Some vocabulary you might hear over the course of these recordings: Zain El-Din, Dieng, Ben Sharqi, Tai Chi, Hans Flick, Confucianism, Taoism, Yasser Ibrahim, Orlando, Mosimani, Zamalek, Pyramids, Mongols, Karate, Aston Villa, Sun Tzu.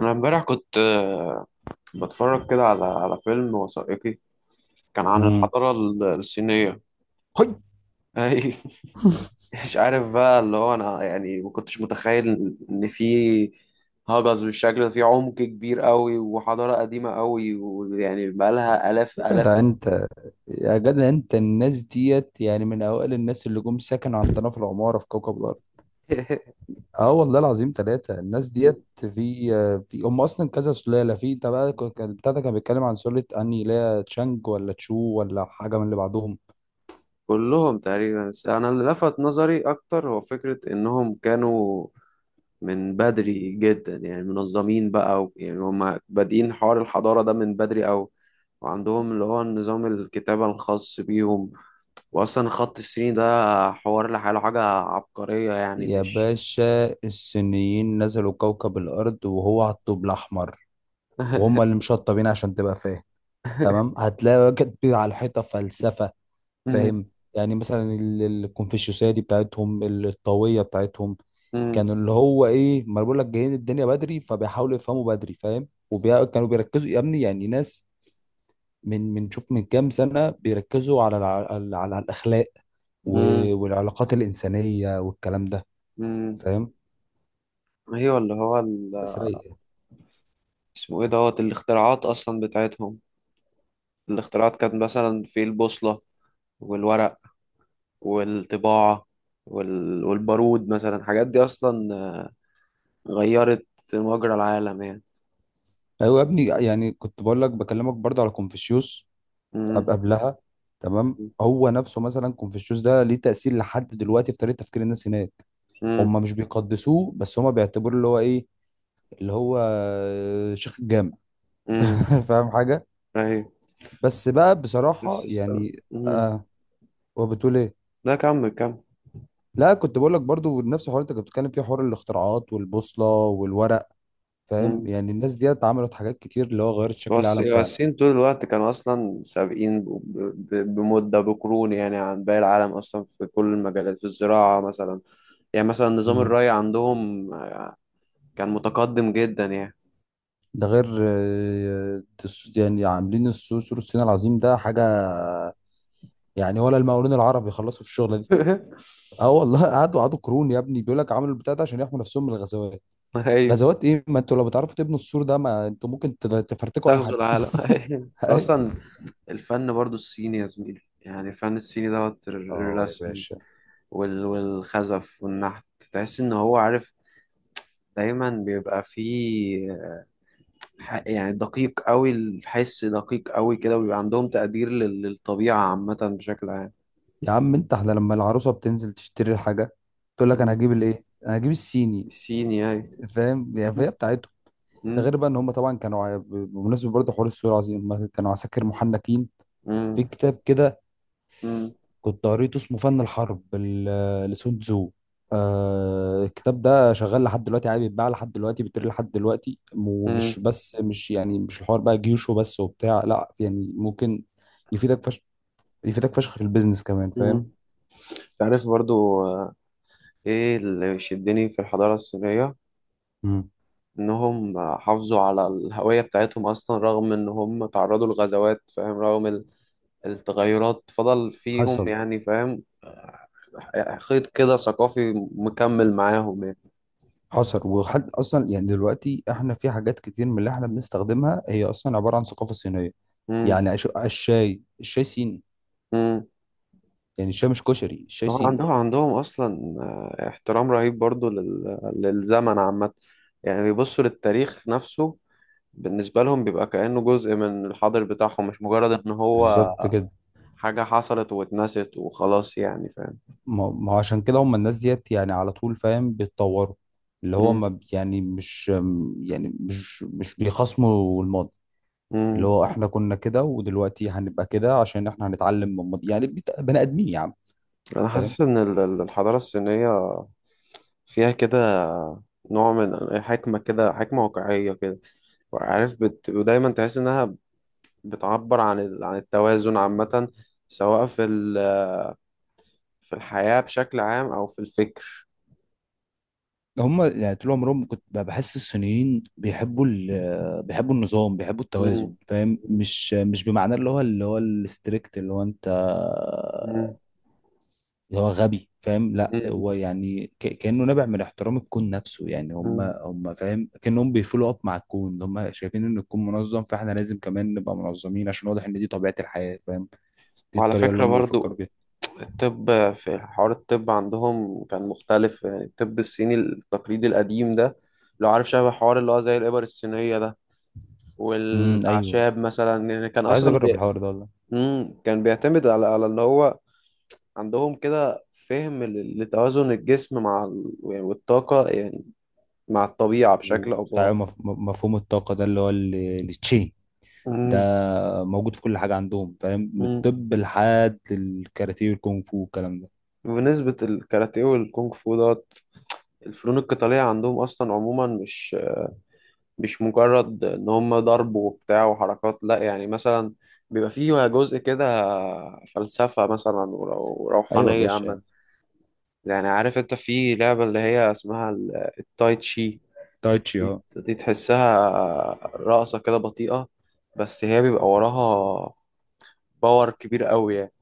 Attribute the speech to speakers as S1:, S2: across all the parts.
S1: أنا امبارح كنت بتفرج كده على فيلم وثائقي كان عن
S2: امم.
S1: الحضارة الصينية.
S2: هاي.
S1: أي. مش عارف بقى اللي هو أنا يعني ما كنتش متخيل إن في هجس بالشكل ده في عمق كبير قوي وحضارة قديمة قوي، ويعني بقالها آلاف
S2: يا
S1: آلاف.
S2: جدع انت يا جدع انت، الناس ديت يعني من اوائل الناس اللي جم سكنوا عندنا في العماره، في كوكب الارض. اه والله العظيم، ثلاثه الناس ديت في هم اصلا كذا سلاله. في انت بقى، بتاع ده كان بيتكلم عن سلاله، اني لا تشانج ولا تشو ولا حاجه من اللي بعدهم.
S1: كلهم تقريبا، بس أنا اللي لفت نظري أكتر هو فكرة إنهم كانوا من بدري جدا، يعني منظمين بقى يعني هم بادئين حوار الحضارة ده من بدري أوي، وعندهم اللي هو نظام الكتابة الخاص بيهم، وأصلا خط الصيني ده حوار لحاله حاجة عبقرية يعني
S2: يا
S1: مش...
S2: باشا، الصينيين نزلوا كوكب الارض وهو على الطوب الاحمر، وهم اللي مشطبين عشان تبقى فاهم. تمام، هتلاقي واجد على الحيطه فلسفه.
S1: مم.
S2: فاهم؟ يعني مثلا الكونفوشيوسية دي بتاعتهم، الطاوية بتاعتهم.
S1: مم.
S2: كان اللي هو ايه، ما أنا بقول لك جايين الدنيا بدري، فبيحاولوا يفهموا بدري. فاهم؟ وكانوا بيركزوا يا ابني، يعني ناس من من شوف، من كام سنة بيركزوا على الأخلاق
S1: مم.
S2: والعلاقات الإنسانية والكلام ده.
S1: مم.
S2: فاهم؟
S1: أيوة اللي هو ال...
S2: بس رايقة.
S1: اسمه إيه دوت الاختراعات أصلا بتاعتهم. الاختراعات كانت مثلا في البوصلة، والورق، والطباعة، وال... والبارود مثلا، الحاجات دي أصلا غيرت مجرى العالم يعني.
S2: أيوة يا ابني، يعني كنت بقول لك بكلمك برضه على كونفوشيوس
S1: مم.
S2: قبلها. تمام، هو نفسه مثلا كونفوشيوس ده ليه تأثير لحد دلوقتي في طريقة تفكير الناس هناك.
S1: مم.
S2: هم مش بيقدسوه، بس هم بيعتبروه اللي هو ايه، اللي هو شيخ الجامع.
S1: مم.
S2: فاهم حاجه؟
S1: أيوه،
S2: بس بقى بصراحه،
S1: بس الس- مم.
S2: وبتقول ايه؟
S1: لا، كمل كمل.
S2: لا، كنت بقول لك برضو نفس الحوار اللي انت كنت بتتكلم فيه، حوار الاختراعات والبوصله والورق. فاهم؟ يعني الناس ديت عملت حاجات كتير اللي هو غيرت شكل
S1: بس
S2: العالم فعلا.
S1: الصين طول الوقت كانوا أصلا سابقين بمدة بقرون يعني عن باقي العالم أصلا، في كل المجالات، في الزراعة مثلا، يعني مثلا نظام
S2: مم.
S1: الري عندهم كان متقدم جدا يعني.
S2: ده غير يعني عاملين السور، سور الصين العظيم ده حاجه، يعني ولا المقاولون العرب يخلصوا في الشغله دي. اه والله، قعدوا قعدوا قرون يا ابني، بيقول لك عملوا البتاع ده عشان يحموا نفسهم من الغزوات.
S1: أيوة،
S2: غزوات ايه؟ ما انتوا لو بتعرفوا تبنوا السور ده، ما انتوا ممكن تفرتكوا اي
S1: تغزو
S2: حد.
S1: العالم. أيوة. أصلا الفن برضو الصيني يا زميلي، يعني الفن الصيني دوت
S2: اه يا
S1: الرسم
S2: باشا.
S1: والخزف والنحت، تحس إن هو عارف، دايما بيبقى فيه يعني دقيق قوي، الحس دقيق قوي كده، وبيبقى عندهم تقدير للطبيعة عامة بشكل عام.
S2: يا عم انت، احنا لما العروسه بتنزل تشتري الحاجه، تقول لك انا
S1: مم.
S2: هجيب الايه، انا هجيب الصيني.
S1: الصيني أي.
S2: فاهم؟ يعني
S1: مم.
S2: فهي بتاعتهم. ده غير بقى ان هم طبعا كانوا بمناسبه برضه حوار السور العظيم، هم كانوا عساكر محنكين. في
S1: مم.
S2: كتاب كده
S1: مم.
S2: كنت قريته، اسمه فن الحرب لسون تزو. آه، الكتاب ده شغال لحد دلوقتي عادي، بيتباع لحد دلوقتي، بيتقري لحد دلوقتي،
S1: مم.
S2: ومش بس، مش يعني مش الحوار بقى جيوش وبس وبتاع، لا، يعني ممكن يفيدك فشخ، يفيدك فشخ في البيزنس كمان. فاهم؟
S1: مم. تعرف برضو إيه اللي شدني في الحضارة الصينية؟
S2: مم.
S1: إنهم حافظوا على الهوية بتاعتهم أصلا، رغم إن هم تعرضوا لغزوات فاهم، رغم التغيرات فضل فيهم
S2: حصل.
S1: يعني فاهم، خيط كده ثقافي مكمل معاهم يعني.
S2: حصل وحد، اصلا يعني دلوقتي احنا في حاجات كتير من اللي احنا بنستخدمها هي اصلا عباره عن ثقافه صينيه.
S1: مم.
S2: يعني الشاي، الشاي صيني.
S1: مم.
S2: يعني الشاي مش كشري، الشاي
S1: هو
S2: صيني.
S1: عندهم اصلا احترام رهيب برضو لل... للزمن عامه، يعني بيبصوا للتاريخ نفسه، بالنسبه لهم بيبقى كانه جزء من الحاضر بتاعهم، مش مجرد ان هو
S2: بالظبط كده.
S1: حاجه حصلت واتنست وخلاص يعني فاهم.
S2: ما هو عشان كده، هم الناس ديت يعني على طول، فاهم، بيتطوروا. اللي هو
S1: مم.
S2: ما بي- يعني مش بيخصموا الماضي. اللي
S1: مم.
S2: هو احنا كنا كده ودلوقتي هنبقى كده، عشان احنا هنتعلم من الماضي. يعني بني ادمين يا عم.
S1: انا
S2: فاهم؟
S1: حاسس ان الحضاره الصينيه فيها كده نوع من حكمه، كده حكمه واقعيه كده، عارف بت... ودايما تحس انها بتعبر عن ال... عن التوازن عامه، سواء في ال... في الحياة بشكل عام أو في الفكر.
S2: هم يعني طول عمرهم، كنت بحس الصينيين بيحبوا النظام، بيحبوا التوازن.
S1: مم.
S2: فاهم؟ مش بمعنى اللي هو الستريكت، اللي هو انت
S1: مم.
S2: اللي هو غبي. فاهم؟ لا
S1: مم.
S2: هو يعني كأنه نابع من احترام الكون نفسه. يعني هم
S1: مم.
S2: هم فاهم، كأنهم بيفولو اب مع الكون، اللي هم شايفين ان الكون منظم، فاحنا لازم كمان نبقى منظمين، عشان واضح ان دي طبيعة الحياة. فاهم؟ دي
S1: وعلى
S2: الطريقة اللي
S1: فكرة
S2: هم بيفكروا
S1: برضو
S2: بيها.
S1: الطب، في حوار الطب عندهم كان مختلف، يعني الطب الصيني التقليدي القديم ده لو عارف، شبه حوار اللي هو زي الإبر الصينية ده
S2: امم، ايوه،
S1: والأعشاب مثلا، يعني كان
S2: كنت عايز
S1: أصلا
S2: اجرب
S1: بي...
S2: الحوار ده والله.
S1: مم. كان بيعتمد على إن هو عندهم كده فهم لتوازن الجسم مع ال... يعني والطاقة يعني، مع الطبيعة بشكل أو
S2: وبتاع
S1: بآخر.
S2: مفهوم الطاقة ده، اللي هو التشي ده، موجود في كل حاجة عندهم. فاهم؟ من
S1: مم.
S2: الطب لحد الكاراتيه والكونغ فو والكلام ده.
S1: بنسبة الكاراتيه والكونغ فو دوت الفنون القتالية عندهم أصلا عموما، مش مجرد إن هم ضرب وبتاع وحركات، لأ، يعني مثلا بيبقى فيه جزء كده فلسفة مثلا
S2: ايوه يا
S1: وروحانية عامة.
S2: باشا.
S1: يعني عارف أنت في لعبة اللي هي اسمها التاي تشي،
S2: تايتشي،
S1: دي
S2: اه.
S1: دي تحسها رقصة كده بطيئة، بس هي بيبقى وراها باور كبير قوي يعني.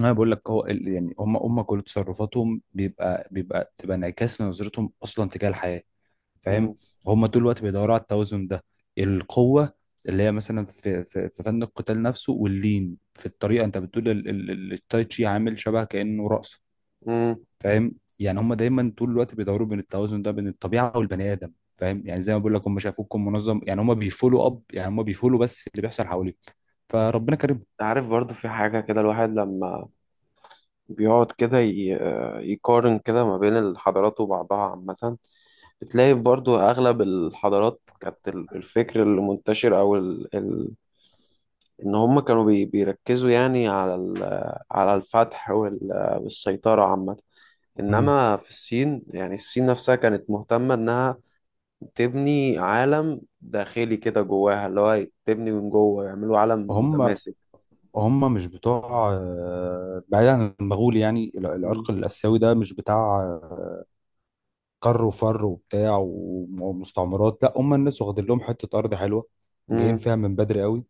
S2: انا بقول لك، هو يعني هم كل تصرفاتهم بيبقى بيبقى تبقى انعكاس لنظرتهم اصلا تجاه الحياه. فاهم؟
S1: مم.
S2: هم طول الوقت بيدوروا على التوازن ده. القوه اللي هي مثلا في فن القتال نفسه، واللين في الطريقه، انت بتقول التاي تشي عامل شبه كانه رقص.
S1: مم.
S2: فاهم؟ يعني هم دايما طول الوقت بيدوروا بين التوازن ده، بين الطبيعه والبني ادم. فاهم؟ يعني زي ما بقول لك، هم شافوكم منظم، يعني هم بيفولوا اب، يعني هم بيفولوا بس اللي بيحصل حواليهم. فربنا كرمهم.
S1: عارف برضو في حاجة كده، الواحد لما بيقعد كده يقارن كده ما بين الحضارات وبعضها عامة، بتلاقي برضو أغلب الحضارات كانت الفكر اللي منتشر أو ال... ال... إن هم كانوا بي... بيركزوا يعني على ال... على الفتح وال... والسيطرة عامة،
S2: مم.
S1: إنما في الصين، يعني الصين نفسها كانت مهتمة إنها تبني عالم داخلي كده جواها، اللي هو تبني من جوه يعملوا عالم
S2: وهم
S1: متماسك.
S2: هم مش بتوع بعيد عن المغول. يعني
S1: مم.
S2: العرق الآسيوي ده مش بتاع آه، كر وفر وبتاع ومستعمرات. لا، هم الناس واخدين لهم حتة أرض حلوة، جايين
S1: مم.
S2: فيها من بدري قوي.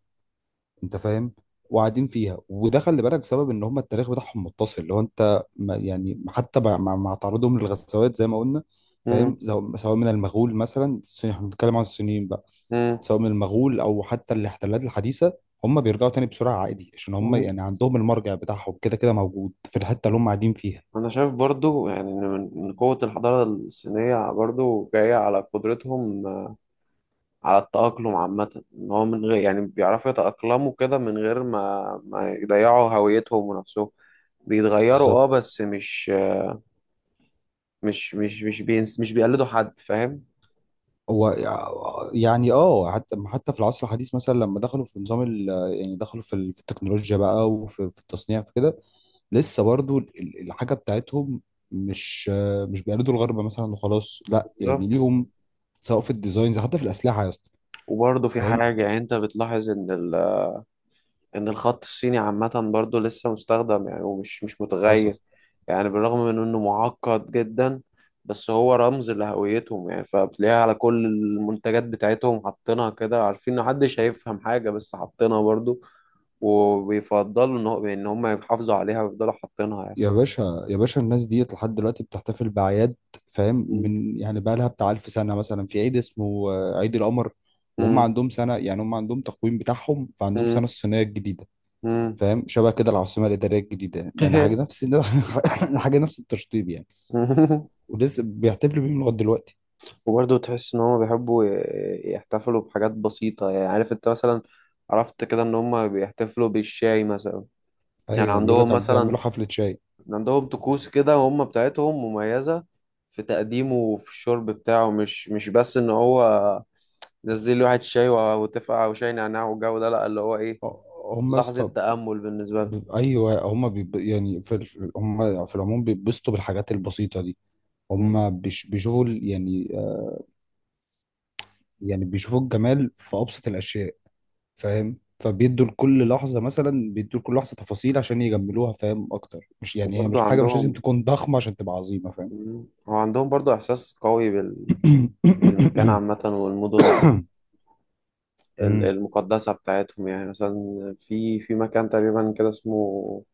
S2: انت فاهم؟ وقاعدين فيها. وده خلي بالك سبب ان هم التاريخ بتاعهم متصل، اللي هو انت ما يعني حتى مع تعرضهم للغزوات زي ما قلنا. فاهم؟ سواء من المغول مثلا، احنا بنتكلم عن الصينيين بقى،
S1: مم.
S2: سواء من المغول او حتى الاحتلالات الحديثه، هم بيرجعوا تاني بسرعه عادي، عشان هم
S1: مم.
S2: يعني عندهم المرجع بتاعهم كده كده موجود في الحته اللي هم قاعدين فيها.
S1: أنا شايف برضو يعني إن إن قوة الحضارة الصينية برضو جاية على قدرتهم على التأقلم عامة، إن هو من غير يعني بيعرفوا يتأقلموا كده من غير ما يضيعوا هويتهم ونفسهم، بيتغيروا اه
S2: بالظبط.
S1: بس مش مش بينس، مش بيقلدوا حد فاهم.
S2: هو يعني اه، حتى في العصر الحديث، مثلا لما دخلوا في نظام يعني دخلوا في التكنولوجيا بقى، وفي التصنيع، في كده، لسه برضو الحاجه بتاعتهم مش مش بيقلدوا الغرب مثلا وخلاص، لا، يعني
S1: بالظبط.
S2: ليهم، سواء في الديزاينز، حتى في الاسلحه يا اسطى.
S1: وبرضه في
S2: فاهم؟
S1: حاجة يعني انت بتلاحظ ان الخط الصيني عامة برضو لسه مستخدم يعني، ومش مش
S2: حصل.
S1: متغير، يعني بالرغم من انه معقد جدا، بس هو رمز لهويتهم يعني، فبتلاقيها على كل المنتجات بتاعتهم حاطينها كده، عارفين ان محدش هيفهم حاجة بس حاطينها برضو، وبيفضلوا ان هو ان هم يحافظوا عليها ويفضلوا حاطينها يعني.
S2: يا باشا يا باشا، الناس ديت لحد دلوقتي بتحتفل بأعياد، فاهم،
S1: مم.
S2: من يعني بقى لها بتاع 1000 سنه، مثلا في عيد اسمه عيد القمر. وهم
S1: مم.
S2: عندهم سنه، يعني هم عندهم تقويم بتاعهم، فعندهم سنه الصينيه الجديده.
S1: مم.
S2: فاهم؟ شبه كده العاصمه الاداريه الجديده، يعني حاجه نفس حاجه نفس التشطيب يعني.
S1: مم.
S2: ولسه بيحتفلوا بيهم لغايه دلوقتي.
S1: وبرضه تحس ان هم بيحبوا يحتفلوا بحاجات بسيطة يعني، عارف انت مثلا عرفت كده ان هم بيحتفلوا بالشاي مثلا، يعني
S2: ايوه، بيقول لك
S1: عندهم مثلا
S2: بيعملوا حفله شاي.
S1: عندهم طقوس كده هم بتاعتهم مميزة في تقديمه وفي الشرب بتاعه، مش بس ان هو نزل لي واحد شاي وتفقع وشاي نعناع والجو ده، لا اللي هو ايه،
S2: هم يا
S1: لحظة
S2: اسطى،
S1: تأمل بالنسبة لهم.
S2: ايوه هم يعني هم في العموم بيتبسطوا بالحاجات البسيطه دي.
S1: مم.
S2: هم بيشوفوا يعني يعني بيشوفوا الجمال في ابسط الاشياء. فاهم؟ فبيدوا لكل لحظه، مثلا بيدوا لكل لحظه تفاصيل عشان يجملوها، فاهم اكتر؟ مش يعني هي
S1: وبرضه
S2: مش حاجه، مش لازم
S1: عندهم.
S2: تكون ضخمه عشان تبقى عظيمه. فاهم؟
S1: مم. هو عندهم برضه إحساس قوي بال... بالمكان عامة والمدن
S2: أمم.
S1: المقدسة بتاعتهم، يعني مثلا في مكان تقريبا كده اسمه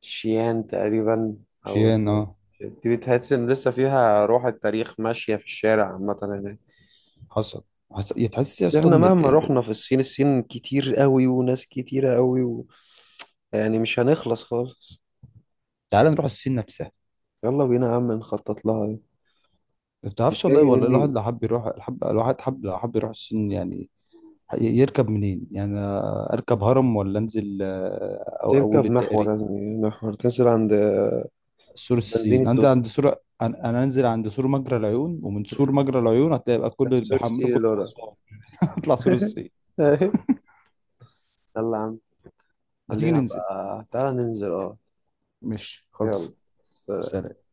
S1: شيان تقريبا، أو
S2: شيان، اه.
S1: دي بتحس إن لسه فيها روح التاريخ ماشية في الشارع عامة هناك.
S2: حصل. حصل. يا تحس يا
S1: بس
S2: اسطى
S1: احنا
S2: ان
S1: مهما رحنا في الصين، الصين كتير قوي وناس كتيرة قوي و... يعني مش هنخلص خالص.
S2: تعال نروح الصين نفسها.
S1: يلا بينا يا عم نخطط لها.
S2: ما بتعرفش والله،
S1: جاي
S2: ولا الواحد
S1: مني.
S2: لو حب يروح الحب، الواحد حب لو حب يروح الصين، يعني يركب منين؟ يعني أنا اركب هرم، ولا انزل او اول
S1: تركب محور،
S2: الدائري؟
S1: لازم يعني محور تنزل عند
S2: سور
S1: بنزين
S2: الصين، انزل
S1: التوتال،
S2: عند سور انا انزل عند سور مجرى العيون، ومن سور مجرى العيون هتلاقي بقى
S1: ده
S2: كل اللي
S1: السور
S2: بيحملوا
S1: السيري
S2: كل
S1: اللي ورا.
S2: اسوان. اطلع سور الصين.
S1: يلا يا عم.
S2: ما تيجي
S1: خلينا
S2: ننزل.
S1: بقى، تعالى ننزل اه.
S2: مش
S1: يلا.
S2: خلص.
S1: سلام.
S2: سلام.